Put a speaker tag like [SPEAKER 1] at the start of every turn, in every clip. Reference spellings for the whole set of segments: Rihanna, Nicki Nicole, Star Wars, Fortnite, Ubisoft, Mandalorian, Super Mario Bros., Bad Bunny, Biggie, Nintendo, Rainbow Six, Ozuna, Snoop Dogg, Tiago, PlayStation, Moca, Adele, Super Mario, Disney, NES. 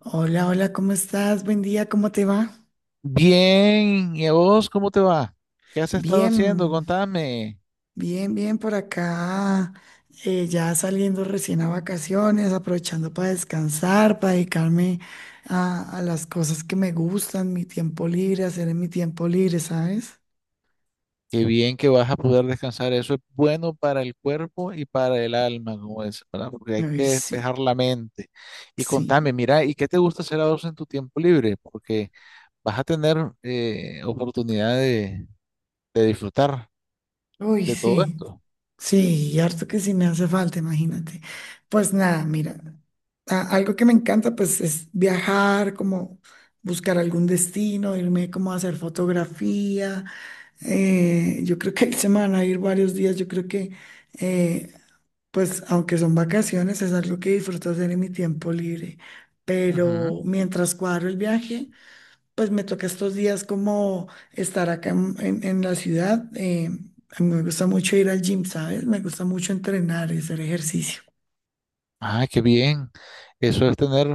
[SPEAKER 1] Hola, hola, ¿cómo estás? Buen día, ¿cómo te va?
[SPEAKER 2] Bien, ¿y a vos cómo te va? ¿Qué has estado haciendo?
[SPEAKER 1] Bien,
[SPEAKER 2] Contame.
[SPEAKER 1] bien, bien por acá. Ya saliendo recién a vacaciones, aprovechando para descansar, para dedicarme a las cosas que me gustan, mi tiempo libre, hacer en mi tiempo libre, ¿sabes?
[SPEAKER 2] Qué bien que vas a poder descansar. Eso es bueno para el cuerpo y para el alma, como es, ¿verdad? Porque hay que
[SPEAKER 1] Uy, sí,
[SPEAKER 2] despejar la mente. Y
[SPEAKER 1] sí.
[SPEAKER 2] contame, mira, ¿y qué te gusta hacer a vos en tu tiempo libre? Porque vas a tener oportunidad de disfrutar
[SPEAKER 1] Uy,
[SPEAKER 2] de todo
[SPEAKER 1] sí.
[SPEAKER 2] esto.
[SPEAKER 1] Sí, y harto que sí me hace falta, imagínate. Pues nada, mira, algo que me encanta pues es viajar, como buscar algún destino, irme como a hacer fotografía. Yo creo que ahí se me van a ir varios días, yo creo que eh, pues aunque son vacaciones, es algo que disfruto hacer en mi tiempo libre.
[SPEAKER 2] Ujú.
[SPEAKER 1] Pero mientras cuadro el viaje... Pues me toca estos días como estar acá en la ciudad. A mí me gusta mucho ir al gym, ¿sabes? Me gusta mucho entrenar y hacer ejercicio.
[SPEAKER 2] Ah, qué bien. Eso es tener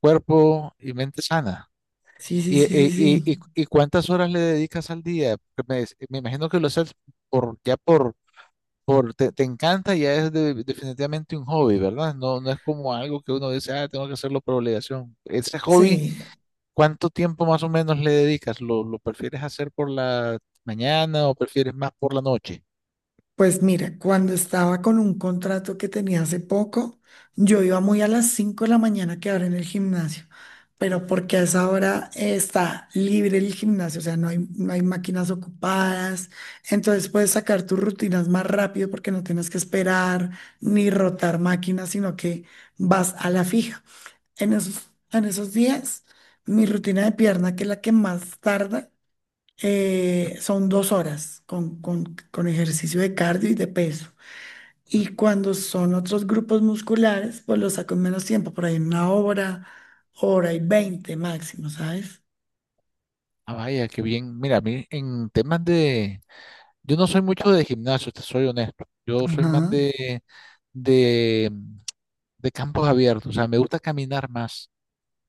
[SPEAKER 2] cuerpo y mente sana.
[SPEAKER 1] Sí, sí,
[SPEAKER 2] ¿Y,
[SPEAKER 1] sí, sí,
[SPEAKER 2] y, y, y-
[SPEAKER 1] sí.
[SPEAKER 2] y cuántas horas le dedicas al día? Porque me imagino que lo haces por, ya por, por te, te encanta, ya es definitivamente un hobby, ¿verdad? No, no es como algo que uno dice, ah, tengo que hacerlo por obligación. Ese hobby,
[SPEAKER 1] Sí,
[SPEAKER 2] ¿cuánto tiempo más o menos le dedicas? ¿Lo prefieres hacer por la mañana o prefieres más por la noche?
[SPEAKER 1] pues mira, cuando estaba con un contrato que tenía hace poco, yo iba muy a las 5 de la mañana a quedar en el gimnasio, pero porque a esa hora está libre el gimnasio, o sea, no hay máquinas ocupadas, entonces puedes sacar tus rutinas más rápido porque no tienes que esperar ni rotar máquinas, sino que vas a la fija. En esos días, mi rutina de pierna, que es la que más tarda, son 2 horas con ejercicio de cardio y de peso. Y cuando son otros grupos musculares, pues los saco en menos tiempo, por ahí en 1 hora, hora y 20 máximo, ¿sabes?
[SPEAKER 2] Ah, vaya, qué bien. Mira, a mí en temas de... Yo no soy mucho de gimnasio, te soy honesto. Yo soy
[SPEAKER 1] Ajá,
[SPEAKER 2] más de de campos abiertos, o sea, me gusta caminar más.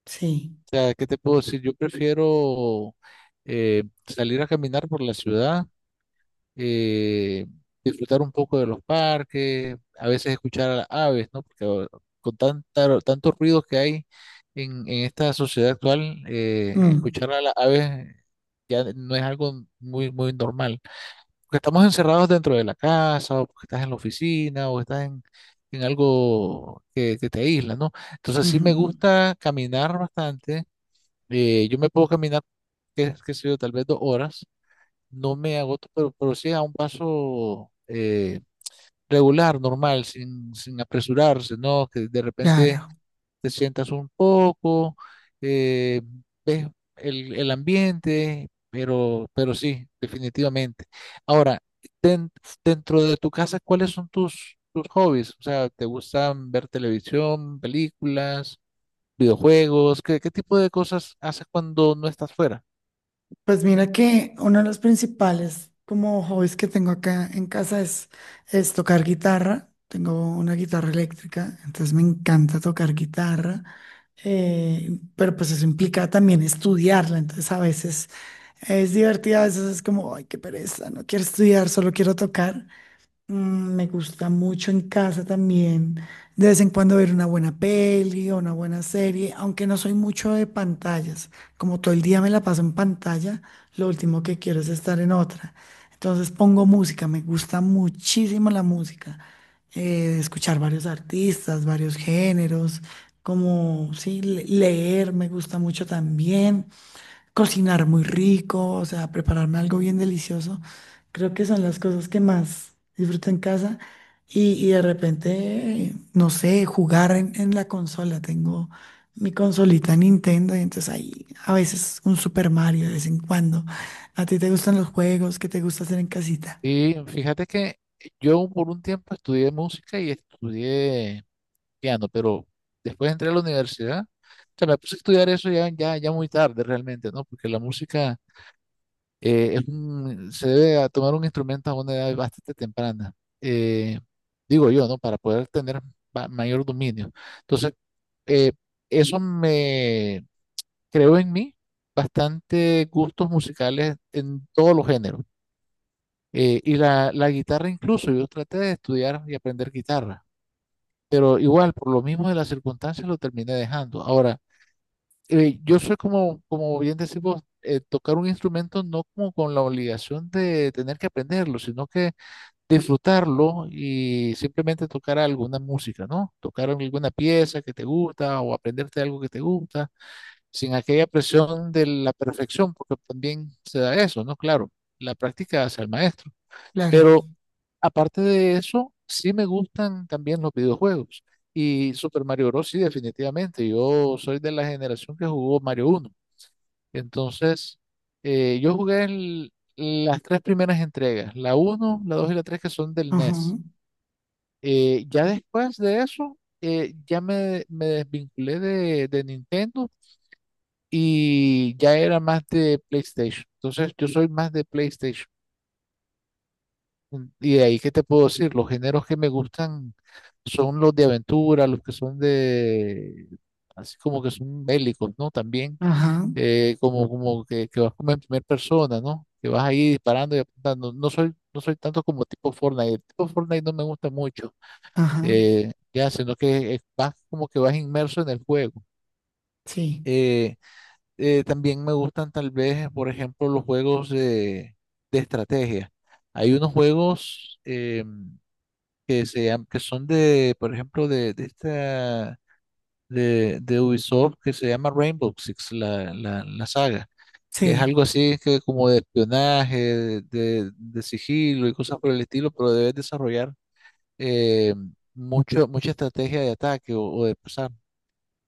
[SPEAKER 1] sí.
[SPEAKER 2] O sea, ¿qué te puedo decir? Yo prefiero salir a caminar por la ciudad, eh, disfrutar un poco de los parques, a veces escuchar a las aves, ¿no? Porque ahora, con tantos ruidos que hay en esta sociedad actual,
[SPEAKER 1] Mm,
[SPEAKER 2] escuchar a las aves ya no es algo muy normal porque estamos encerrados dentro de la casa, o porque estás en la oficina, o estás en algo que te aísla, ¿no? Entonces sí me
[SPEAKER 1] ujú,
[SPEAKER 2] gusta caminar bastante. Yo me puedo caminar, qué sé yo, tal vez dos horas. No me agoto, pero sí a un paso regular, normal, sin apresurarse, ¿no? Que de
[SPEAKER 1] claro.
[SPEAKER 2] repente te sientas un poco, eh, ves el ambiente, pero sí, definitivamente. Ahora, den- dentro de tu casa, ¿cuáles son tus hobbies? O sea, ¿te gustan ver televisión, películas, videojuegos? ¿Qué tipo de cosas haces cuando no estás fuera?
[SPEAKER 1] Pues mira que uno de los principales como hobbies que tengo acá en casa es tocar guitarra. Tengo una guitarra eléctrica, entonces me encanta tocar guitarra. Pero pues eso implica también estudiarla, entonces a veces es divertido, a veces es como, ay, qué pereza, no quiero estudiar, solo quiero tocar. Mm, me gusta mucho en casa también, de vez en cuando ver una buena peli o una buena serie, aunque no soy mucho de pantallas, como todo el día me la paso en pantalla, lo último que quiero es estar en otra. Entonces pongo música, me gusta muchísimo la música, escuchar varios artistas, varios géneros, como sí, leer me gusta mucho también, cocinar muy rico, o sea, prepararme algo bien delicioso. Creo que son las cosas que más disfruto en casa. Y de repente, no sé, jugar en, la consola. Tengo mi consolita Nintendo y entonces ahí a veces un Super Mario de vez en cuando. ¿A ti te gustan los juegos? ¿Qué te gusta hacer en casita?
[SPEAKER 2] Y fíjate que yo por un tiempo estudié música y estudié piano, pero después entré a la universidad, o sea, me puse a estudiar eso ya muy tarde realmente, ¿no? Porque la música es se debe a tomar un instrumento a una edad bastante temprana, eh, digo yo, ¿no? Para poder tener mayor dominio. Entonces, eh, eso me creó en mí bastante gustos musicales en todos los géneros. Y la guitarra incluso, yo traté de estudiar y aprender guitarra pero igual, por lo mismo de las circunstancias, lo terminé dejando. Ahora, yo soy como, como bien decís vos, tocar un instrumento no como con la obligación de tener que aprenderlo, sino que disfrutarlo y simplemente tocar alguna música, ¿no? Tocar alguna pieza que te gusta o aprenderte algo que te gusta, sin aquella presión de la perfección, porque también se da eso, ¿no? Claro, la práctica hace al maestro.
[SPEAKER 1] Claro.
[SPEAKER 2] Pero aparte de eso, sí me gustan también los videojuegos. Y Super Mario Bros. Sí, definitivamente. Yo soy de la generación que jugó Mario uno. Entonces, yo jugué las tres primeras entregas, la uno, la 2 y la 3 que son del
[SPEAKER 1] Ajá,
[SPEAKER 2] NES. Ya después de eso, ya me desvinculé de Nintendo y ya era más de PlayStation. Entonces, yo soy más de PlayStation. Y de ahí, ¿qué te puedo decir? Los géneros que me gustan son los de aventura, los que son de, así como que son bélicos, ¿no? También,
[SPEAKER 1] ajá,
[SPEAKER 2] como, que vas como en primera persona, ¿no? Que vas ahí disparando y apuntando. No soy tanto como tipo Fortnite. El tipo Fortnite no me gusta mucho,
[SPEAKER 1] ajá.
[SPEAKER 2] ya, sino que vas como que vas inmerso en el juego.
[SPEAKER 1] Sí,
[SPEAKER 2] Eh, También me gustan tal vez, por ejemplo, los juegos de estrategia. Hay unos juegos... que que son de, por ejemplo, de esta de Ubisoft que se llama Rainbow Six, la saga, que es
[SPEAKER 1] sí.
[SPEAKER 2] algo así que como de espionaje, de sigilo y cosas por el estilo, pero debes desarrollar eh, mucha estrategia de ataque o de pasar.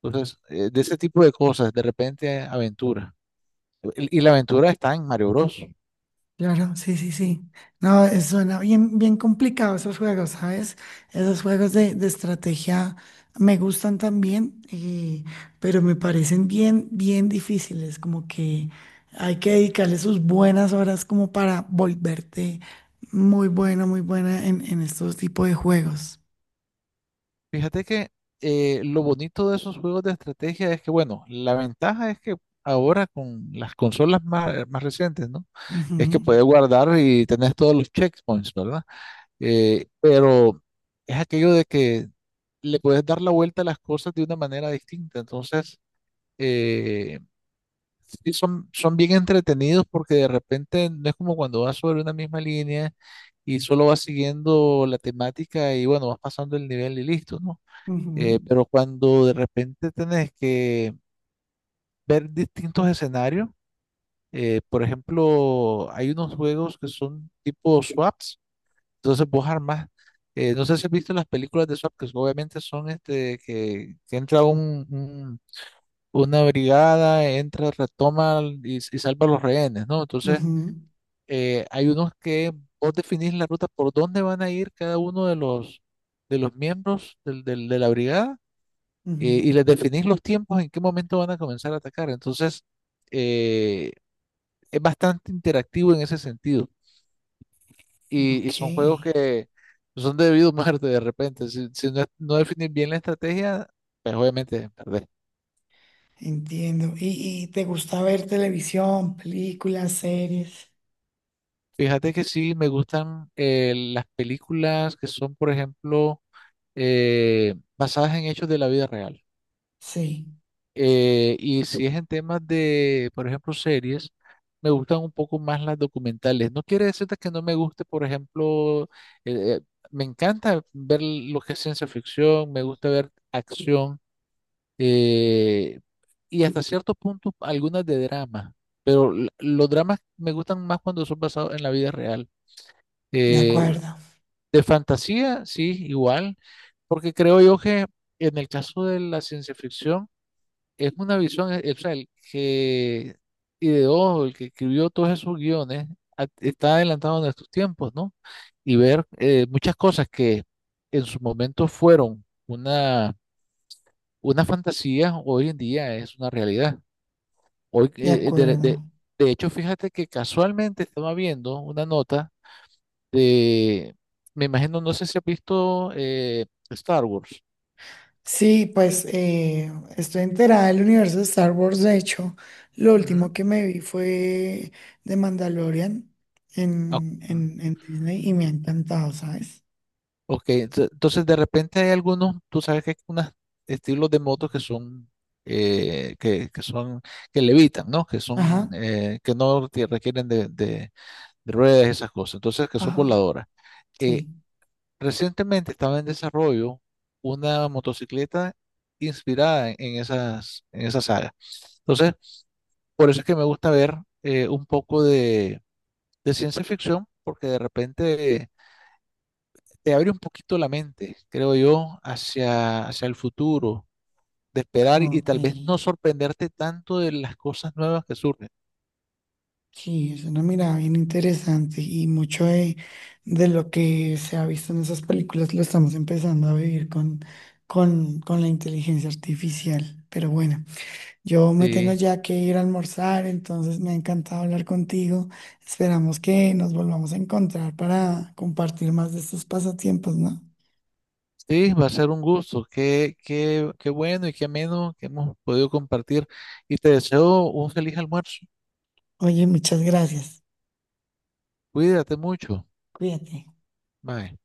[SPEAKER 2] Entonces, de ese tipo de cosas, de repente aventura. Y la aventura está en Mario Bros.
[SPEAKER 1] Claro, sí, sí, sí. No, suena bien, bien complicado esos juegos, ¿sabes? Esos juegos de estrategia me gustan también, pero me parecen bien, bien difíciles, como que hay que dedicarle sus buenas horas como para volverte muy buena en, estos tipos de juegos.
[SPEAKER 2] Fíjate que lo bonito de esos juegos de estrategia es que, bueno, la ventaja es que ahora con las consolas más, más recientes, ¿no?
[SPEAKER 1] Ujú,
[SPEAKER 2] Es que puedes guardar y tenés todos los checkpoints, ¿verdad? Pero es aquello de que le puedes dar la vuelta a las cosas de una manera distinta. Entonces, eh, sí son, son bien entretenidos porque de repente no es como cuando vas sobre una misma línea y solo vas siguiendo la temática y bueno, vas pasando el nivel y listo, ¿no?
[SPEAKER 1] ujú,
[SPEAKER 2] Pero cuando de repente tenés que ver distintos escenarios, por ejemplo, hay unos juegos que son tipo swaps, entonces vos armás, no sé si has visto las películas de swap, que so, obviamente son este, que entra una brigada, entra, retoma y salva a los rehenes, ¿no? Entonces,
[SPEAKER 1] ujú,
[SPEAKER 2] hay unos que vos definís la ruta por dónde van a ir cada uno de los miembros de la brigada y
[SPEAKER 1] ujú.
[SPEAKER 2] les definís los tiempos en qué momento van a comenzar a atacar. Entonces, eh, es bastante interactivo en ese sentido. Y
[SPEAKER 1] Ok,
[SPEAKER 2] son juegos que son de debido a muerte de repente. Si no, no definís bien la estrategia, pues obviamente perdés.
[SPEAKER 1] entiendo. ¿Y te gusta ver televisión, películas, series?
[SPEAKER 2] Fíjate que sí, me gustan las películas que son, por ejemplo, basadas en hechos de la vida real.
[SPEAKER 1] Sí,
[SPEAKER 2] Y si es en temas de, por ejemplo, series, me gustan un poco más las documentales. No quiere decirte que no me guste, por ejemplo, eh, eh, me encanta ver lo que es ciencia ficción, me gusta ver acción eh, y hasta cierto punto algunas de drama, pero los dramas me gustan más cuando son basados en la vida real.
[SPEAKER 1] de
[SPEAKER 2] Eh,
[SPEAKER 1] acuerdo,
[SPEAKER 2] de fantasía, sí, igual, porque creo yo que en el caso de la ciencia ficción, es una visión, o sea, el que ideó, el que escribió todos esos guiones, está adelantado a nuestros tiempos, ¿no? Y ver muchas cosas que en su momento fueron una fantasía, hoy en día es una realidad. Hoy,
[SPEAKER 1] de acuerdo.
[SPEAKER 2] de hecho, fíjate que casualmente estaba viendo una nota de, me imagino, no sé si has visto Star Wars.
[SPEAKER 1] Sí, pues estoy enterada del universo de Star Wars. De hecho, lo
[SPEAKER 2] Ujú.
[SPEAKER 1] último que me vi fue de Mandalorian
[SPEAKER 2] Ok.
[SPEAKER 1] en, en Disney y me ha encantado, ¿sabes?
[SPEAKER 2] Ok, entonces de repente hay algunos, tú sabes que hay unos estilos de motos que son, que son, que levitan, ¿no? Que son,
[SPEAKER 1] Ajá,
[SPEAKER 2] que no te requieren de ruedas y esas cosas, entonces que son
[SPEAKER 1] ajá,
[SPEAKER 2] voladoras. Eh,
[SPEAKER 1] sí.
[SPEAKER 2] Recientemente estaba en desarrollo una motocicleta inspirada en esas, en esa saga. Entonces, por eso es que me gusta ver un poco de ciencia ficción, porque de repente te abre un poquito la mente, creo yo, hacia, hacia el futuro, de esperar y
[SPEAKER 1] Ok.
[SPEAKER 2] tal vez no sorprenderte tanto de las cosas nuevas que surgen.
[SPEAKER 1] Sí, es una mirada bien interesante y mucho de, lo que se ha visto en esas películas lo estamos empezando a vivir con, con la inteligencia artificial. Pero bueno. Yo me tengo
[SPEAKER 2] Sí,
[SPEAKER 1] ya que ir a almorzar, entonces me ha encantado hablar contigo. Esperamos que nos volvamos a encontrar para compartir más de estos pasatiempos, ¿no?
[SPEAKER 2] sí, va a ser un gusto. Qué bueno y qué ameno que hemos podido compartir. Y te deseo un feliz almuerzo.
[SPEAKER 1] Oye, muchas gracias.
[SPEAKER 2] Cuídate mucho.
[SPEAKER 1] Cuídate.
[SPEAKER 2] Bye.